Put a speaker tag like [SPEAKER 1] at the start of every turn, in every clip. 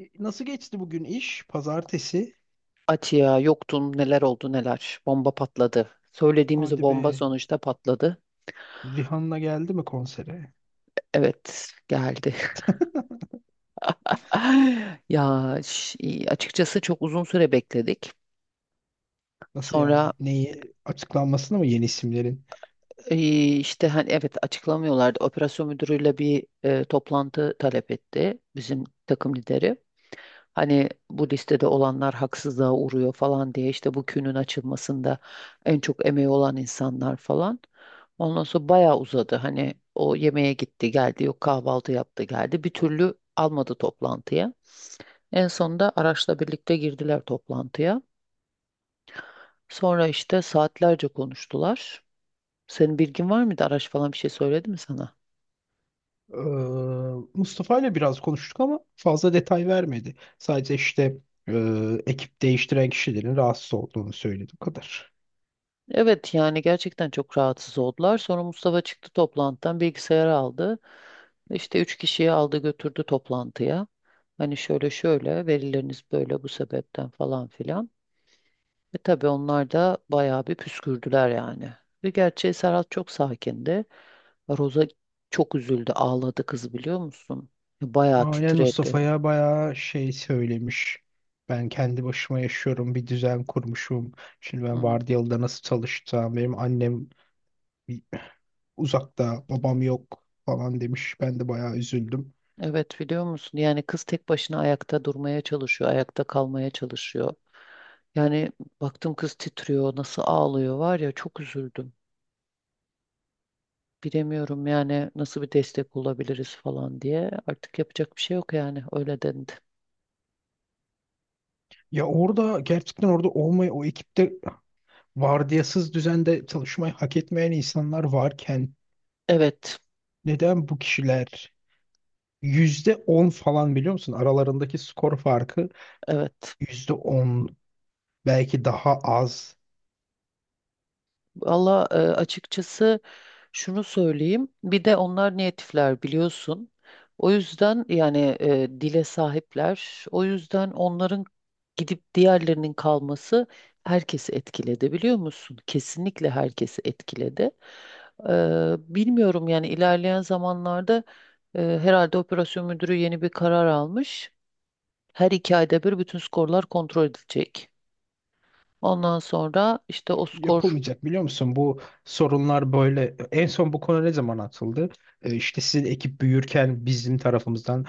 [SPEAKER 1] Nasıl geçti bugün iş? Pazartesi.
[SPEAKER 2] Atiye yoktun, neler oldu neler. Bomba patladı. Söylediğimiz o
[SPEAKER 1] Hadi
[SPEAKER 2] bomba
[SPEAKER 1] be.
[SPEAKER 2] sonuçta patladı.
[SPEAKER 1] Rihanna geldi mi konsere?
[SPEAKER 2] Evet geldi. Ya açıkçası çok uzun süre bekledik.
[SPEAKER 1] Nasıl
[SPEAKER 2] Sonra.
[SPEAKER 1] yani? Neyi? Açıklanmasını mı yeni isimlerin?
[SPEAKER 2] İşte hani evet açıklamıyorlardı. Operasyon müdürüyle bir toplantı talep etti bizim takım lideri. Hani bu listede olanlar haksızlığa uğruyor falan diye, işte bu künün açılmasında en çok emeği olan insanlar falan. Ondan sonra bayağı uzadı. Hani o yemeğe gitti geldi, yok kahvaltı yaptı geldi. Bir türlü almadı toplantıya. En sonunda araçla birlikte girdiler toplantıya. Sonra işte saatlerce konuştular. Senin bilgin var mıydı? Araç falan bir şey söyledi mi sana?
[SPEAKER 1] Ee, Mustafa ile biraz konuştuk ama fazla detay vermedi. Sadece işte e, ekip değiştiren kişilerin rahatsız olduğunu söyledi. Bu kadar.
[SPEAKER 2] Evet, yani gerçekten çok rahatsız oldular. Sonra Mustafa çıktı toplantıdan, bilgisayarı aldı. İşte üç kişiyi aldı götürdü toplantıya. Hani şöyle şöyle verileriniz böyle, bu sebepten falan filan. E, tabii onlar da bayağı bir püskürdüler yani. Ve gerçi Serhat çok sakindi. Roza çok üzüldü, ağladı kız, biliyor musun? Bayağı
[SPEAKER 1] Aynen
[SPEAKER 2] titredi.
[SPEAKER 1] Mustafa'ya bayağı şey söylemiş. Ben kendi başıma yaşıyorum, bir düzen kurmuşum. Şimdi ben vardiyalıda nasıl çalışacağım? Benim annem bir- uzakta, babam yok falan demiş. Ben de bayağı üzüldüm.
[SPEAKER 2] Evet, biliyor musun? Yani kız tek başına ayakta durmaya çalışıyor, ayakta kalmaya çalışıyor. Yani baktım kız titriyor, nasıl ağlıyor, var ya çok üzüldüm. Bilemiyorum yani nasıl bir destek olabiliriz falan diye. Artık yapacak bir şey yok yani, öyle dendi.
[SPEAKER 1] Ya orada gerçekten orada olmayı, o ekipte vardiyasız düzende çalışmayı hak etmeyen insanlar varken
[SPEAKER 2] Evet,
[SPEAKER 1] neden bu kişiler %10 falan biliyor musun? Aralarındaki skor farkı
[SPEAKER 2] evet.
[SPEAKER 1] %10 belki daha az.
[SPEAKER 2] Valla, açıkçası şunu söyleyeyim. Bir de onlar natifler, biliyorsun. O yüzden yani, dile sahipler. O yüzden onların gidip diğerlerinin kalması herkesi etkiledi, biliyor musun? Kesinlikle herkesi etkiledi. Bilmiyorum yani, ilerleyen zamanlarda herhalde operasyon müdürü yeni bir karar almış. Her 2 ayda bir bütün skorlar kontrol edilecek. Ondan sonra işte o skor...
[SPEAKER 1] Yapılmayacak biliyor musun? Bu sorunlar böyle en son bu konu ne zaman atıldı? İşte sizin ekip büyürken bizim tarafımızdan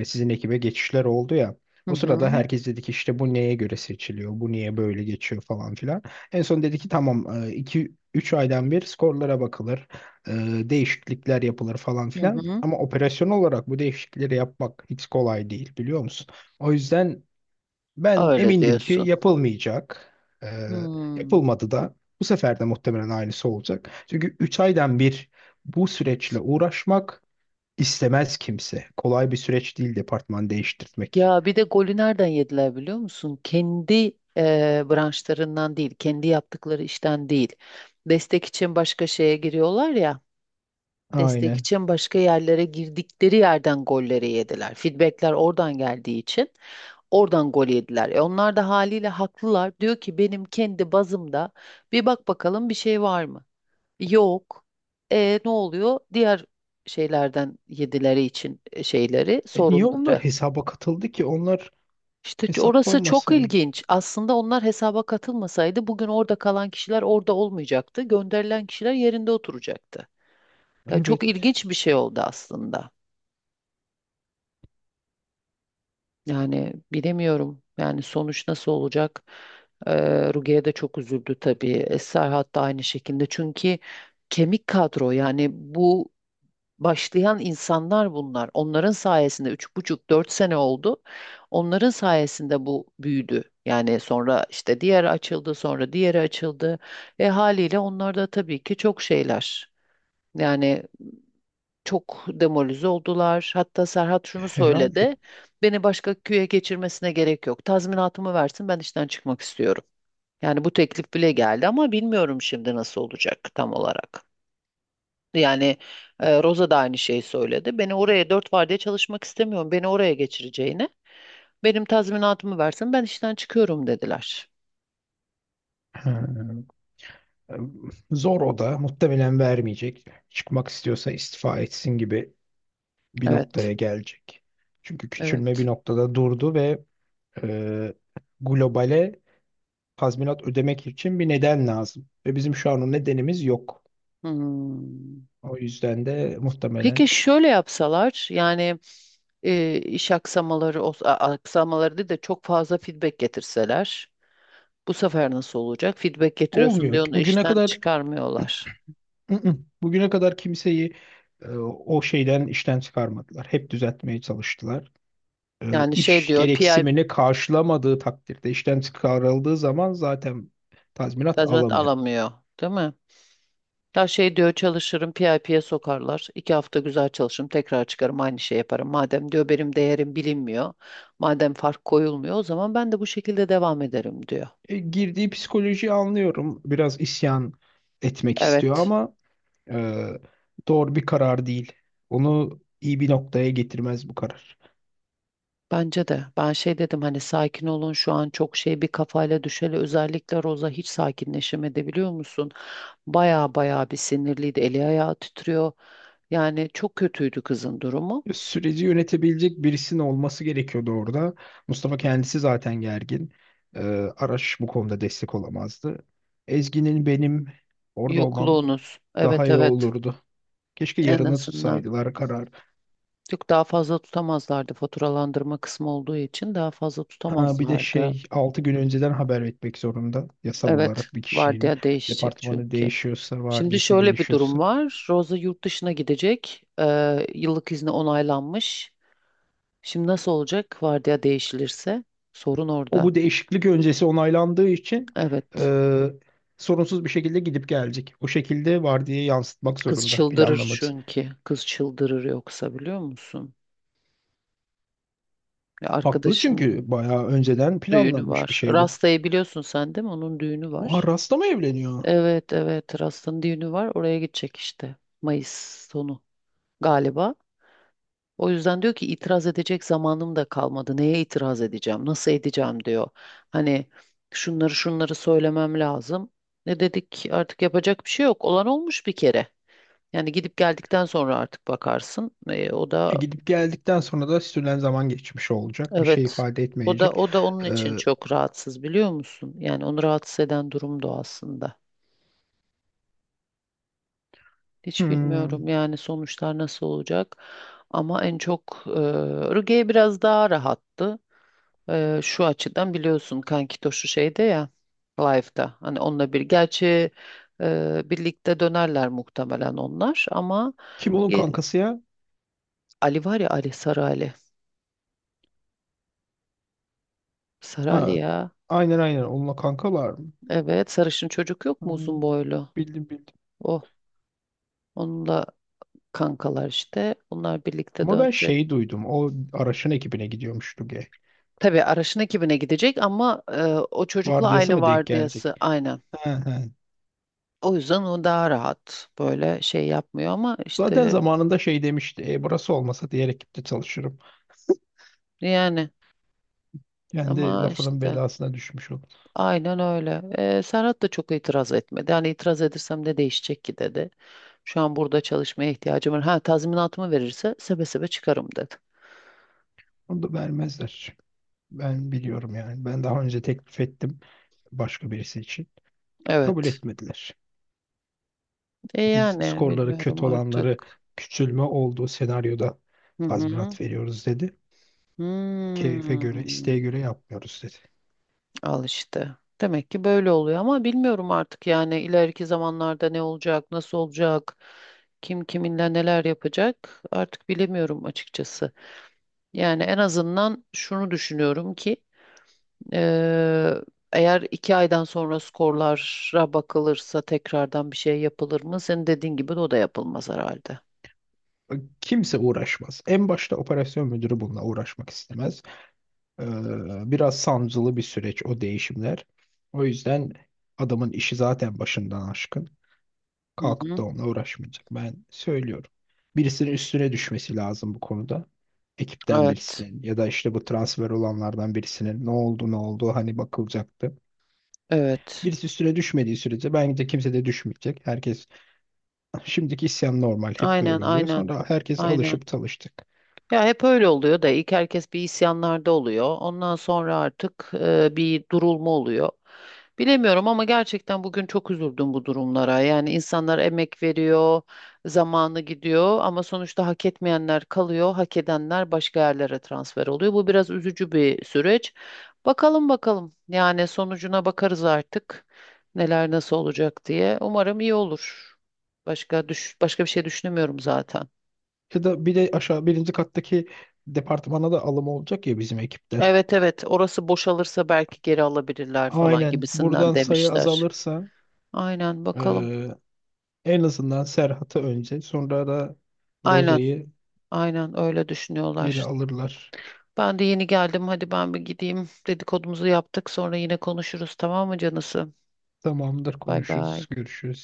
[SPEAKER 1] sizin ekibe geçişler oldu ya.
[SPEAKER 2] Hı
[SPEAKER 1] O
[SPEAKER 2] hı,
[SPEAKER 1] sırada herkes dedi ki işte bu neye göre seçiliyor? Bu niye böyle geçiyor falan filan. En son dedi ki tamam 2 3 aydan bir skorlara bakılır. e, Değişiklikler yapılır falan
[SPEAKER 2] hı
[SPEAKER 1] filan.
[SPEAKER 2] hı.
[SPEAKER 1] Ama operasyon olarak bu değişiklikleri yapmak hiç kolay değil biliyor musun? O yüzden ben
[SPEAKER 2] Öyle
[SPEAKER 1] emindim ki
[SPEAKER 2] diyorsun.
[SPEAKER 1] yapılmayacak. Ee,
[SPEAKER 2] Hmm.
[SPEAKER 1] Yapılmadı da bu sefer de muhtemelen aynısı olacak. Çünkü 3 aydan bir bu süreçle uğraşmak istemez kimse. Kolay bir süreç değil departman değiştirmek.
[SPEAKER 2] Ya bir de golü nereden yediler, biliyor musun? Kendi branşlarından değil, kendi yaptıkları işten değil. Destek için başka şeye giriyorlar ya. Destek
[SPEAKER 1] Aynen.
[SPEAKER 2] için başka yerlere girdikleri yerden golleri yediler. Feedbackler oradan geldiği için oradan gol yediler. E, onlar da haliyle haklılar. Diyor ki benim kendi bazımda bir bak bakalım, bir şey var mı? Yok. E, ne oluyor? Diğer şeylerden yedileri için şeyleri,
[SPEAKER 1] E niye onlar
[SPEAKER 2] sorunları.
[SPEAKER 1] hesaba katıldı ki? Onlar
[SPEAKER 2] İşte, orası çok
[SPEAKER 1] hesaplanmasaydı.
[SPEAKER 2] ilginç. Aslında onlar hesaba katılmasaydı bugün orada kalan kişiler orada olmayacaktı. Gönderilen kişiler yerinde oturacaktı. Ya çok
[SPEAKER 1] Evet,
[SPEAKER 2] ilginç bir şey oldu aslında. Yani bilemiyorum. Yani sonuç nasıl olacak? Ruge'ye de çok üzüldü tabii. Eser hatta aynı şekilde. Çünkü kemik kadro, yani bu başlayan insanlar bunlar. Onların sayesinde 3,5-4 sene oldu. Onların sayesinde bu büyüdü. Yani sonra işte diğeri açıldı, sonra diğeri açıldı ve haliyle onlar da tabii ki çok şeyler. Yani çok demoralize oldular. Hatta Serhat şunu
[SPEAKER 1] herhalde.
[SPEAKER 2] söyledi. Beni başka köye geçirmesine gerek yok. Tazminatımı versin, ben işten çıkmak istiyorum. Yani bu teklif bile geldi, ama bilmiyorum şimdi nasıl olacak tam olarak. Yani, Rosa da aynı şeyi söyledi. Beni oraya dört vardiya çalışmak istemiyorum. Beni oraya geçireceğine, benim tazminatımı versin. Ben işten çıkıyorum, dediler.
[SPEAKER 1] Ha. Zor o da. Muhtemelen vermeyecek. Çıkmak istiyorsa istifa etsin gibi bir
[SPEAKER 2] Evet.
[SPEAKER 1] noktaya gelecek. Çünkü küçülme
[SPEAKER 2] Evet.
[SPEAKER 1] bir noktada durdu ve e, globale tazminat ödemek için bir neden lazım. Ve bizim şu an o nedenimiz yok.
[SPEAKER 2] Hmm.
[SPEAKER 1] O yüzden de
[SPEAKER 2] Peki
[SPEAKER 1] muhtemelen
[SPEAKER 2] şöyle yapsalar yani, iş aksamaları, aksamaları değil de çok fazla feedback getirseler, bu sefer nasıl olacak? Feedback getiriyorsun
[SPEAKER 1] olmuyor.
[SPEAKER 2] diye onu
[SPEAKER 1] Bugüne
[SPEAKER 2] işten
[SPEAKER 1] kadar
[SPEAKER 2] çıkarmıyorlar.
[SPEAKER 1] bugüne kadar kimseyi o şeyden işten çıkarmadılar. Hep düzeltmeye çalıştılar.
[SPEAKER 2] Yani şey
[SPEAKER 1] İş
[SPEAKER 2] diyor, PI
[SPEAKER 1] gereksinimini karşılamadığı takdirde işten çıkarıldığı zaman zaten tazminat
[SPEAKER 2] tazminat
[SPEAKER 1] alamıyor.
[SPEAKER 2] alamıyor, değil mi? Ya şey diyor, çalışırım PIP'ye sokarlar. 2 hafta güzel çalışırım, tekrar çıkarım, aynı şey yaparım. Madem diyor benim değerim bilinmiyor, madem fark koyulmuyor, o zaman ben de bu şekilde devam ederim, diyor.
[SPEAKER 1] Girdiği psikolojiyi anlıyorum. Biraz isyan etmek istiyor
[SPEAKER 2] Evet,
[SPEAKER 1] ama Ee, doğru bir karar değil. Onu iyi bir noktaya getirmez bu karar.
[SPEAKER 2] bence de. Ben şey dedim, hani sakin olun, şu an çok şey bir kafayla, düşeli özellikle Roza hiç sakinleşemedi, biliyor musun? Baya baya bir sinirliydi, eli ayağı titriyor. Yani çok kötüydü kızın durumu.
[SPEAKER 1] Süreci yönetebilecek birisinin olması gerekiyordu orada. Mustafa kendisi zaten gergin. Ee, Araş bu konuda destek olamazdı. Ezgi'nin benim orada olmam
[SPEAKER 2] Yokluğunuz,
[SPEAKER 1] daha
[SPEAKER 2] evet
[SPEAKER 1] iyi
[SPEAKER 2] evet,
[SPEAKER 1] olurdu. Keşke
[SPEAKER 2] en
[SPEAKER 1] yarına
[SPEAKER 2] azından.
[SPEAKER 1] tutsaydılar karar.
[SPEAKER 2] Yok, daha fazla tutamazlardı, faturalandırma kısmı olduğu için daha fazla
[SPEAKER 1] Ha bir de
[SPEAKER 2] tutamazlardı.
[SPEAKER 1] şey 6 gün önceden haber etmek zorunda yasal
[SPEAKER 2] Evet,
[SPEAKER 1] olarak bir kişinin
[SPEAKER 2] vardiya değişecek
[SPEAKER 1] departmanı
[SPEAKER 2] çünkü.
[SPEAKER 1] değişiyorsa,
[SPEAKER 2] Şimdi
[SPEAKER 1] vardiyası
[SPEAKER 2] şöyle bir durum
[SPEAKER 1] değişiyorsa.
[SPEAKER 2] var. Rosa yurt dışına gidecek. Yıllık izni onaylanmış. Şimdi nasıl olacak vardiya değişilirse? Sorun
[SPEAKER 1] O
[SPEAKER 2] orada.
[SPEAKER 1] bu değişiklik öncesi onaylandığı için
[SPEAKER 2] Evet.
[SPEAKER 1] e, sorunsuz bir şekilde gidip gelecek. O şekilde vardiyayı yansıtmak
[SPEAKER 2] Kız
[SPEAKER 1] zorunda
[SPEAKER 2] çıldırır
[SPEAKER 1] planlaması.
[SPEAKER 2] çünkü. Kız çıldırır yoksa, biliyor musun? Ya
[SPEAKER 1] Haklı
[SPEAKER 2] arkadaşın
[SPEAKER 1] çünkü bayağı önceden
[SPEAKER 2] düğünü
[SPEAKER 1] planlanmış bir
[SPEAKER 2] var.
[SPEAKER 1] şey bu.
[SPEAKER 2] Rasta'yı biliyorsun sen, değil mi? Onun düğünü
[SPEAKER 1] Oha
[SPEAKER 2] var.
[SPEAKER 1] rasta mı evleniyor?
[SPEAKER 2] Evet evet, Rast'ın düğünü var, oraya gidecek işte Mayıs sonu galiba. O yüzden diyor ki itiraz edecek zamanım da kalmadı. Neye itiraz edeceğim? Nasıl edeceğim, diyor. Hani şunları şunları söylemem lazım. Ne dedik, artık yapacak bir şey yok. Olan olmuş bir kere. Yani gidip geldikten sonra artık bakarsın. E, o da
[SPEAKER 1] Gidip geldikten sonra da sürülen zaman geçmiş olacak. Bir şey
[SPEAKER 2] evet.
[SPEAKER 1] ifade
[SPEAKER 2] O da
[SPEAKER 1] etmeyecek.
[SPEAKER 2] o da onun
[SPEAKER 1] E,
[SPEAKER 2] için çok rahatsız, biliyor musun? Yani onu rahatsız eden durum da o aslında. Hiç
[SPEAKER 1] hmm,
[SPEAKER 2] bilmiyorum yani sonuçlar nasıl olacak. Ama en çok Ruge biraz daha rahattı. Şu açıdan biliyorsun, Kankitoşu şeyde ya, live'da. Hani onunla bir gerçi birlikte dönerler muhtemelen onlar, ama
[SPEAKER 1] Kim onun
[SPEAKER 2] e,
[SPEAKER 1] kankası ya?
[SPEAKER 2] Ali var ya, Ali, Sarı Ali. Sarı Ali
[SPEAKER 1] Ha,
[SPEAKER 2] ya.
[SPEAKER 1] aynen aynen onunla kankalar mı?
[SPEAKER 2] Evet, sarışın çocuk yok mu
[SPEAKER 1] Hmm,
[SPEAKER 2] uzun boylu?
[SPEAKER 1] Bildim bildim.
[SPEAKER 2] Oh, onunla kankalar işte. Onlar birlikte
[SPEAKER 1] Ama ben
[SPEAKER 2] dönecek.
[SPEAKER 1] şey duydum. O Araş'ın ekibine gidiyormuş Duge.
[SPEAKER 2] Tabii Araş'ın ekibine gidecek, ama o çocukla
[SPEAKER 1] Vardiyası
[SPEAKER 2] aynı
[SPEAKER 1] mı denk gelecek?
[SPEAKER 2] vardiyası, aynen.
[SPEAKER 1] He he.
[SPEAKER 2] O yüzden o daha rahat, böyle şey yapmıyor, ama
[SPEAKER 1] Zaten
[SPEAKER 2] işte.
[SPEAKER 1] zamanında şey demişti. Burası olmasa diğer ekipte çalışırım.
[SPEAKER 2] Yani,
[SPEAKER 1] Kendi
[SPEAKER 2] ama
[SPEAKER 1] lafının
[SPEAKER 2] işte
[SPEAKER 1] belasına düşmüş olur.
[SPEAKER 2] aynen öyle. Serhat da çok itiraz etmedi. Hani itiraz edersem ne değişecek ki, dedi. Şu an burada çalışmaya ihtiyacım var. Ha tazminatımı verirse sebe sebe çıkarım, dedi.
[SPEAKER 1] Onu da vermezler. Ben biliyorum yani. Ben daha önce teklif ettim başka birisi için. Kabul
[SPEAKER 2] Evet.
[SPEAKER 1] etmediler. Biz
[SPEAKER 2] Yani
[SPEAKER 1] skorları
[SPEAKER 2] bilmiyorum
[SPEAKER 1] kötü olanları
[SPEAKER 2] artık.
[SPEAKER 1] küçülme olduğu senaryoda
[SPEAKER 2] Hı hı.
[SPEAKER 1] tazminat veriyoruz dedi. Keyfe göre, isteğe
[SPEAKER 2] Hmm.
[SPEAKER 1] göre yapmıyoruz dedi.
[SPEAKER 2] Al işte. Demek ki böyle oluyor, ama bilmiyorum artık, yani ileriki zamanlarda ne olacak, nasıl olacak, kim kiminle neler yapacak, artık bilemiyorum açıkçası. Yani en azından şunu düşünüyorum ki, eee, eğer 2 aydan sonra skorlara bakılırsa tekrardan bir şey yapılır mı? Senin dediğin gibi de o da yapılmaz herhalde.
[SPEAKER 1] Kimse uğraşmaz. En başta operasyon müdürü bununla uğraşmak istemez. Biraz sancılı bir süreç o değişimler. O yüzden adamın işi zaten başından aşkın.
[SPEAKER 2] Hı
[SPEAKER 1] Kalkıp da
[SPEAKER 2] hı.
[SPEAKER 1] onunla uğraşmayacak. Ben söylüyorum. Birisinin üstüne düşmesi lazım bu konuda. Ekipten
[SPEAKER 2] Evet,
[SPEAKER 1] birisinin ya da işte bu transfer olanlardan birisinin ne oldu ne oldu hani bakılacaktı.
[SPEAKER 2] evet.
[SPEAKER 1] Birisi üstüne düşmediği sürece bence kimse de düşmeyecek. Herkes şimdiki isyan normal hep
[SPEAKER 2] Aynen,
[SPEAKER 1] böyle oluyor.
[SPEAKER 2] aynen,
[SPEAKER 1] Sonra herkes
[SPEAKER 2] aynen.
[SPEAKER 1] alışıp talıştık.
[SPEAKER 2] Ya hep öyle oluyor da, ilk herkes bir isyanlarda oluyor. Ondan sonra artık bir durulma oluyor. Bilemiyorum, ama gerçekten bugün çok üzüldüm bu durumlara. Yani insanlar emek veriyor, zamanı gidiyor, ama sonuçta hak etmeyenler kalıyor, hak edenler başka yerlere transfer oluyor. Bu biraz üzücü bir süreç. Bakalım bakalım. Yani sonucuna bakarız artık, neler nasıl olacak diye. Umarım iyi olur. Başka bir şey düşünemiyorum zaten.
[SPEAKER 1] Ya da bir de aşağı birinci kattaki departmana da alım olacak ya bizim ekipten.
[SPEAKER 2] Evet evet, orası boşalırsa belki geri alabilirler falan
[SPEAKER 1] Aynen
[SPEAKER 2] gibisinden
[SPEAKER 1] buradan sayı
[SPEAKER 2] demişler.
[SPEAKER 1] azalırsa
[SPEAKER 2] Aynen, bakalım.
[SPEAKER 1] eee, en azından Serhat'ı önce sonra da
[SPEAKER 2] Aynen,
[SPEAKER 1] Roza'yı
[SPEAKER 2] aynen öyle
[SPEAKER 1] geri
[SPEAKER 2] düşünüyorlar.
[SPEAKER 1] alırlar.
[SPEAKER 2] Ben de yeni geldim, hadi ben bir gideyim, dedikodumuzu yaptık, sonra yine konuşuruz, tamam mı canısı?
[SPEAKER 1] Tamamdır
[SPEAKER 2] Bay
[SPEAKER 1] konuşuruz,
[SPEAKER 2] bay.
[SPEAKER 1] görüşürüz.